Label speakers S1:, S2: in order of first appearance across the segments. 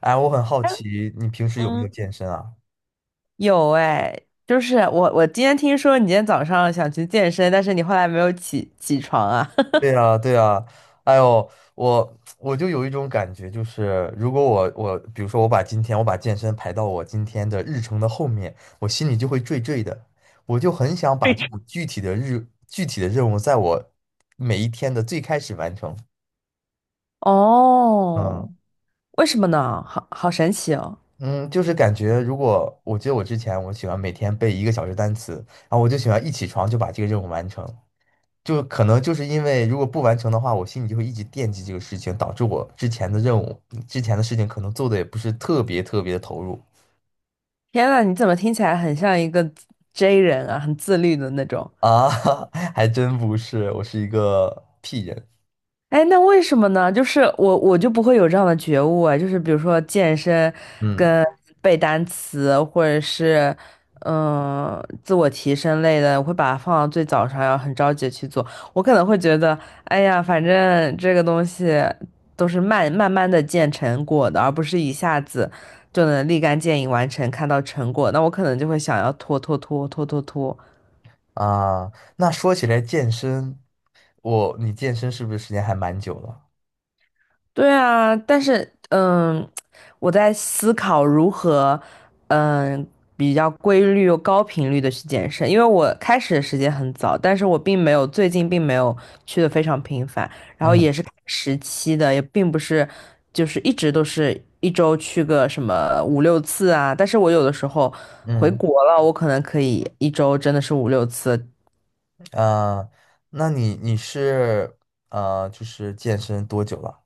S1: 哎，我很好 奇，你平时有没有
S2: 嗯，
S1: 健身啊？
S2: 有哎，就是我今天听说你今天早上想去健身，但是你后来没有起床啊？
S1: 对呀，对呀，哎呦，我就有一种感觉，就是如果我，比如说我把健身排到我今天的日程的后面，我心里就会坠坠的，我就 很想把这
S2: 对，
S1: 种具体的任务，在我每一天的最开始完成。
S2: 哦，
S1: 嗯
S2: 为什么呢？好好神奇哦！
S1: 嗯，就是感觉如果我觉得我之前我喜欢每天背1个小时单词，然后我就喜欢一起床就把这个任务完成。就可能就是因为如果不完成的话，我心里就会一直惦记这个事情，导致我之前的任务、之前的事情可能做的也不是特别特别的投入。
S2: 天呐，你怎么听起来很像一个 J 人啊，很自律的那种？
S1: 啊，还真不是，我是一个屁人。
S2: 哎，那为什么呢？就是我就不会有这样的觉悟啊，就是比如说健身
S1: 嗯
S2: 跟背单词，或者是自我提升类的，我会把它放到最早上，要很着急地去做。我可能会觉得，哎呀，反正这个东西都是慢慢的见成果的，而不是一下子就能立竿见影完成，看到成果。那我可能就会想要拖拖拖拖拖拖。
S1: 啊，那说起来健身，你健身是不是时间还蛮久了？
S2: 对啊，但是我在思考如何嗯比较规律又高频率的去健身，因为我开始的时间很早，但是我并没有最近并没有去的非常频繁，然后
S1: 嗯
S2: 也是看时期的，也并不是就是一直都是一周去个什么五六次啊，但是我有的时候回
S1: 嗯
S2: 国了，我可能可以一周真的是五六次。
S1: 啊，那你就是健身多久了？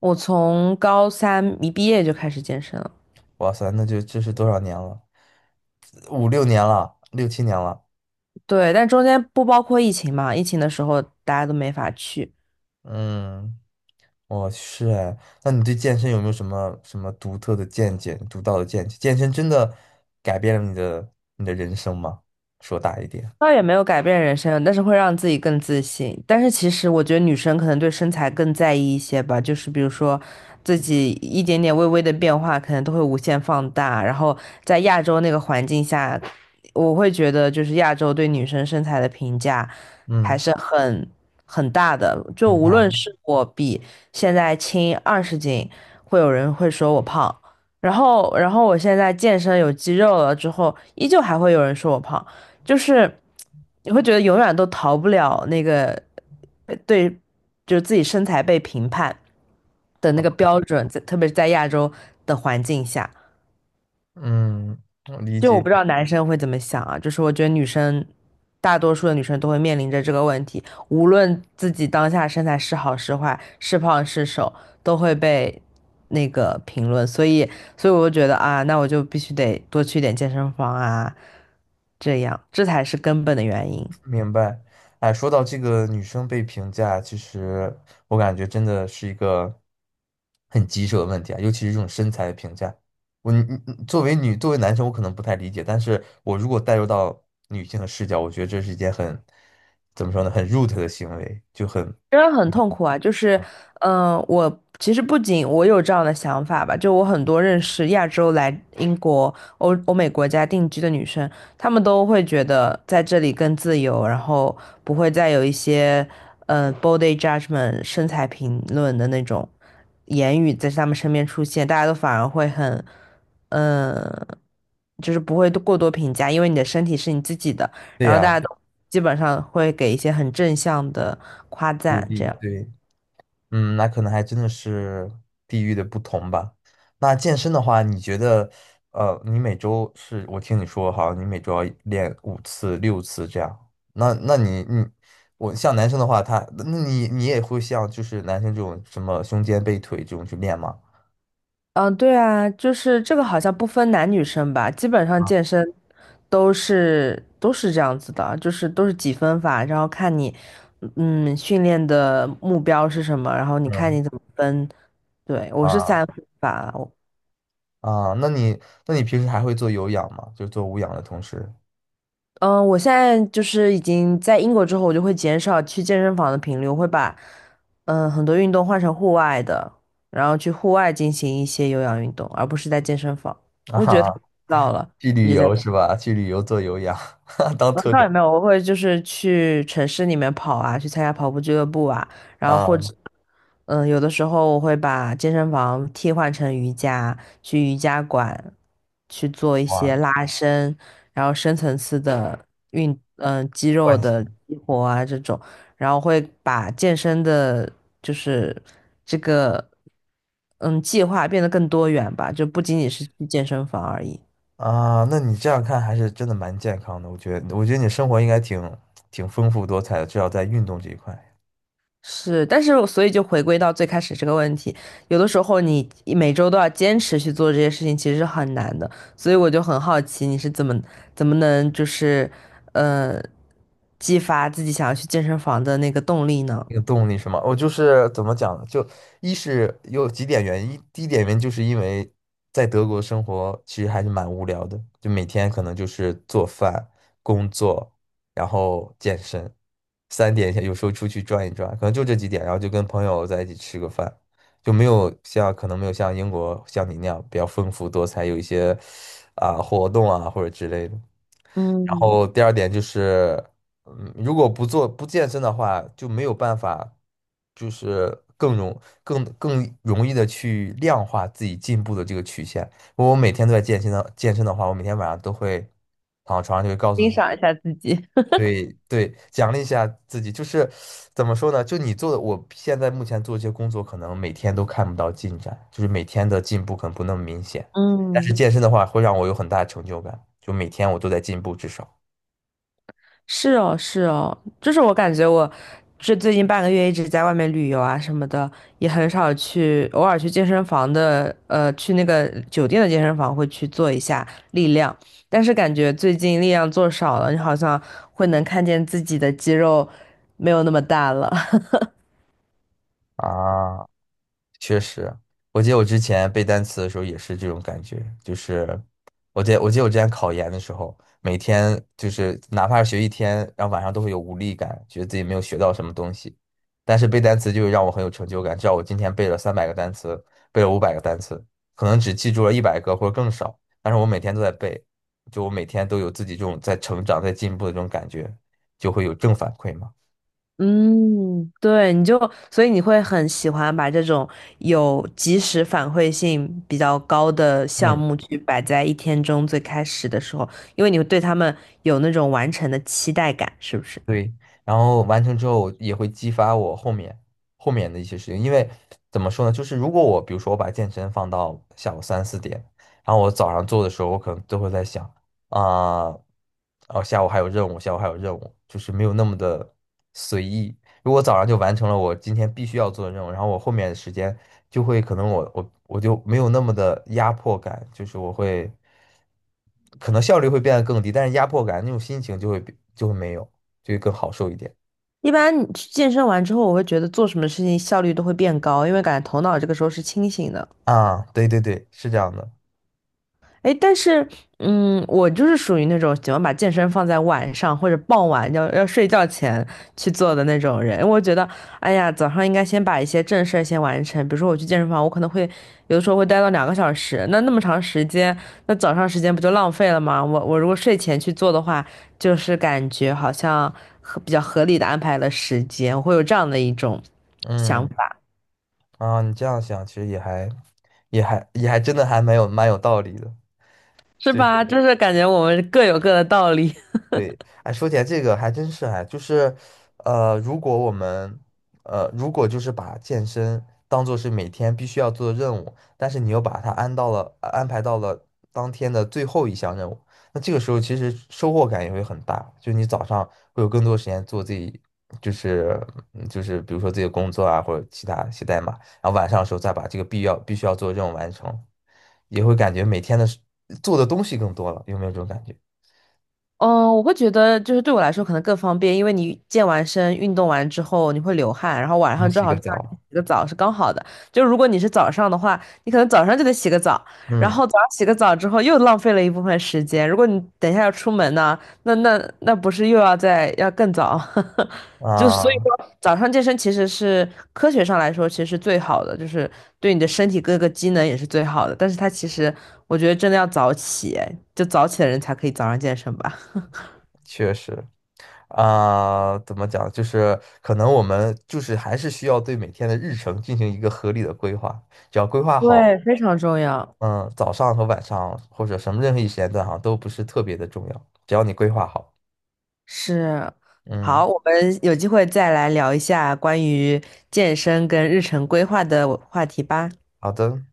S2: 我从高三一毕业就开始健身了。
S1: 哇塞，那就这是多少年了？五六年了，六七年了，
S2: 对，但中间不包括疫情嘛，疫情的时候大家都没法去。
S1: 嗯。哦，是哎。那你对健身有没有什么什么独特的见解、独到的见解？健身真的改变了你的人生吗？说大一点。
S2: 倒也没有改变人生，但是会让自己更自信。但是其实我觉得女生可能对身材更在意一些吧，就是比如说自己一点点微微的变化，可能都会无限放大。然后在亚洲那个环境下，我会觉得就是亚洲对女生身材的评价还
S1: 嗯，
S2: 是很大的。就
S1: 明
S2: 无
S1: 白。
S2: 论是我比现在轻20斤，会有人会说我胖。然后我现在健身有肌肉了之后，依旧还会有人说我胖。就是你会觉得永远都逃不了那个对，就是自己身材被评判的那个标准，在特别是在亚洲的环境下，
S1: 嗯，我理
S2: 就我
S1: 解。
S2: 不知道男生会怎么想啊，就是我觉得女生。大多数的女生都会面临着这个问题，无论自己当下身材是好是坏，是胖是瘦，都会被那个评论，所以我就觉得啊，那我就必须得多去点健身房啊，这样，这才是根本的原因。
S1: 明白。哎，说到这个女生被评价，其实我感觉真的是一个很棘手的问题啊，尤其是这种身材的评价。你作为女，作为男生，我可能不太理解，但是我如果带入到女性的视角，我觉得这是一件很，怎么说呢，很 root 的行为，就很，
S2: 真的很痛苦啊！就是，我其实不仅我有这样的想法吧，就我很多认识亚洲来英国、欧美国家定居的女生，她们都会觉得在这里更自由，然后不会再有一些，body judgment 身材评论的那种言语在她们身边出现，大家都反而会很，嗯、就是不会过多评价，因为你的身体是你自己的。
S1: 对
S2: 然后大
S1: 呀，
S2: 家都基本上会给一些很正向的夸
S1: 鼓
S2: 赞，这
S1: 励，
S2: 样。
S1: 对。嗯，那可能还真的是地域的不同吧。那健身的话，你觉得，你每周是，我听你说，好像你每周要练5次、6次这样。那你也会像就是男生这种什么胸肩背腿这种去练吗？
S2: 嗯，对啊，就是这个好像不分男女生吧，基本上
S1: 啊，
S2: 健身都是这样子的，就是都是几分法，然后看你训练的目标是什么，然后你看
S1: 嗯，
S2: 你怎么分。对，我是三
S1: 啊
S2: 分法，
S1: 啊，那你平时还会做有氧吗？就做无氧的同时。
S2: 嗯，我现在就是已经在英国之后，我就会减少去健身房的频率，我会把很多运动换成户外的，然后去户外进行一些有氧运动，而不是在健身房。我觉得太
S1: 啊，
S2: 枯燥了，
S1: 去
S2: 一
S1: 旅
S2: 直在。
S1: 游是吧？去旅游做有氧。当
S2: 嗯，
S1: 特
S2: 倒
S1: 种
S2: 也没有，我会就是去城市里面跑啊，去参加跑步俱乐部啊，然后或
S1: 啊，
S2: 者，嗯，有的时候我会把健身房替换成瑜伽，去瑜伽馆去做一
S1: 哇，
S2: 些拉伸，然后深层次的肌肉
S1: 惯
S2: 的
S1: 性。
S2: 激活啊这种，然后会把健身的，就是这个，嗯，计划变得更多元吧，就不仅仅是去健身房而已。
S1: 啊，那你这样看还是真的蛮健康的，我觉得，你生活应该挺丰富多彩的，至少在运动这一块。
S2: 是，但是我所以就回归到最开始这个问题，有的时候你每周都要坚持去做这些事情，其实是很难的。所以我就很好奇，你是怎么能就是，呃，激发自己想要去健身房的那个动力呢？
S1: 那个动力是吗？我就是怎么讲呢？就一是有几点原因，第一点原因就是因为在德国生活其实还是蛮无聊的，就每天可能就是做饭、工作，然后健身，三点有时候出去转一转，可能就这几点，然后就跟朋友在一起吃个饭，就没有像可能没有像英国像你那样比较丰富多彩，有一些啊、活动啊或者之类的。然
S2: 嗯，
S1: 后第二点就是。嗯，如果不健身的话，就没有办法，就是更容易的去量化自己进步的这个曲线。如果我每天都在健身的话，我每天晚上都会躺到床上就会告诉
S2: 欣
S1: 自
S2: 赏一
S1: 己。
S2: 下自己。
S1: 对对，奖励一下自己。就是怎么说呢？就你做的，我现在目前做这些工作，可能每天都看不到进展，就是每天的进步可能不那么明显。但是
S2: 嗯。
S1: 健身的话，会让我有很大的成就感，就每天我都在进步，至少
S2: 是哦，是哦，就是我感觉我这最近半个月一直在外面旅游啊什么的，也很少去，偶尔去健身房的，去那个酒店的健身房会去做一下力量，但是感觉最近力量做少了，你好像会能看见自己的肌肉没有那么大了。
S1: 啊。确实，我记得我之前背单词的时候也是这种感觉，就是我记得我之前考研的时候，每天就是哪怕是学一天，然后晚上都会有无力感，觉得自己没有学到什么东西。但是背单词就让我很有成就感，知道我今天背了300个单词，背了500个单词，可能只记住了100个或者更少，但是我每天都在背，就我每天都有自己这种在成长、在进步的这种感觉，就会有正反馈嘛。
S2: 嗯，对，你就，所以你会很喜欢把这种有及时反馈性比较高的项
S1: 嗯。
S2: 目去摆在一天中最开始的时候，因为你会对他们有那种完成的期待感，是不是？
S1: 对，然后完成之后，也会激发我后面的一些事情。因为怎么说呢，就是如果我比如说我把健身放到下午3、4点，然后我早上做的时候，我可能都会在想啊，哦，下午还有任务，下午还有任务，就是没有那么的随意。如果早上就完成了我今天必须要做的任务，然后我后面的时间就会可能我就没有那么的压迫感，就是我会可能效率会变得更低，但是压迫感那种心情就会没有，就会更好受一点
S2: 一般你去健身完之后，我会觉得做什么事情效率都会变高，因为感觉头脑这个时候是清醒的。
S1: 啊。对对对，是这样的。
S2: 哎，但是，嗯，我就是属于那种喜欢把健身放在晚上或者傍晚要睡觉前去做的那种人。我觉得，哎呀，早上应该先把一些正事儿先完成。比如说，我去健身房，我可能会有的时候会待到2个小时，那么长时间，那早上时间不就浪费了吗？我如果睡前去做的话，就是感觉好像比较合理的安排了时间，我会有这样的一种想
S1: 嗯
S2: 法，
S1: 啊，你这样想其实也还真的还蛮有道理的。
S2: 是
S1: 就。
S2: 吧？就是感觉我们各有各的道理。
S1: 对。哎，说起来这个还真是哎，就是，如果我们，如果就是把健身当做是每天必须要做的任务，但是你又把它安排到了当天的最后一项任务，那这个时候其实收获感也会很大，就你早上会有更多时间做自己，就是就是比如说自己的工作啊，或者其他写代码，然后晚上的时候再把这个必须要做的任务完成，也会感觉每天的事做的东西更多了，有没有这种感觉？
S2: 嗯，我会觉得就是对我来说可能更方便，因为你健完身、运动完之后你会流汗，然后晚
S1: 冲
S2: 上正
S1: 洗
S2: 好
S1: 个
S2: 是让你
S1: 澡。
S2: 洗个澡是刚好的。就如果你是早上的话，你可能早上就得洗个澡，然
S1: 嗯
S2: 后早上洗个澡之后又浪费了一部分时间。如果你等一下要出门呢，那不是又要更早？就所以
S1: 啊，
S2: 说早上健身其实是科学上来说其实是最好的，就是对你的身体各个机能也是最好的。但是它其实我觉得真的要早起，哎就早起的人才可以早上健身吧。
S1: 确实啊，怎么讲？就是可能我们就是还是需要对每天的日程进行一个合理的规划，只要规划好。
S2: 对，非常重要。
S1: 嗯，早上和晚上或者什么任何一时间段哈，都不是特别的重要，只要你规划好。
S2: 是，
S1: 嗯，
S2: 好，我们有机会再来聊一下关于健身跟日程规划的话题吧。
S1: 好的。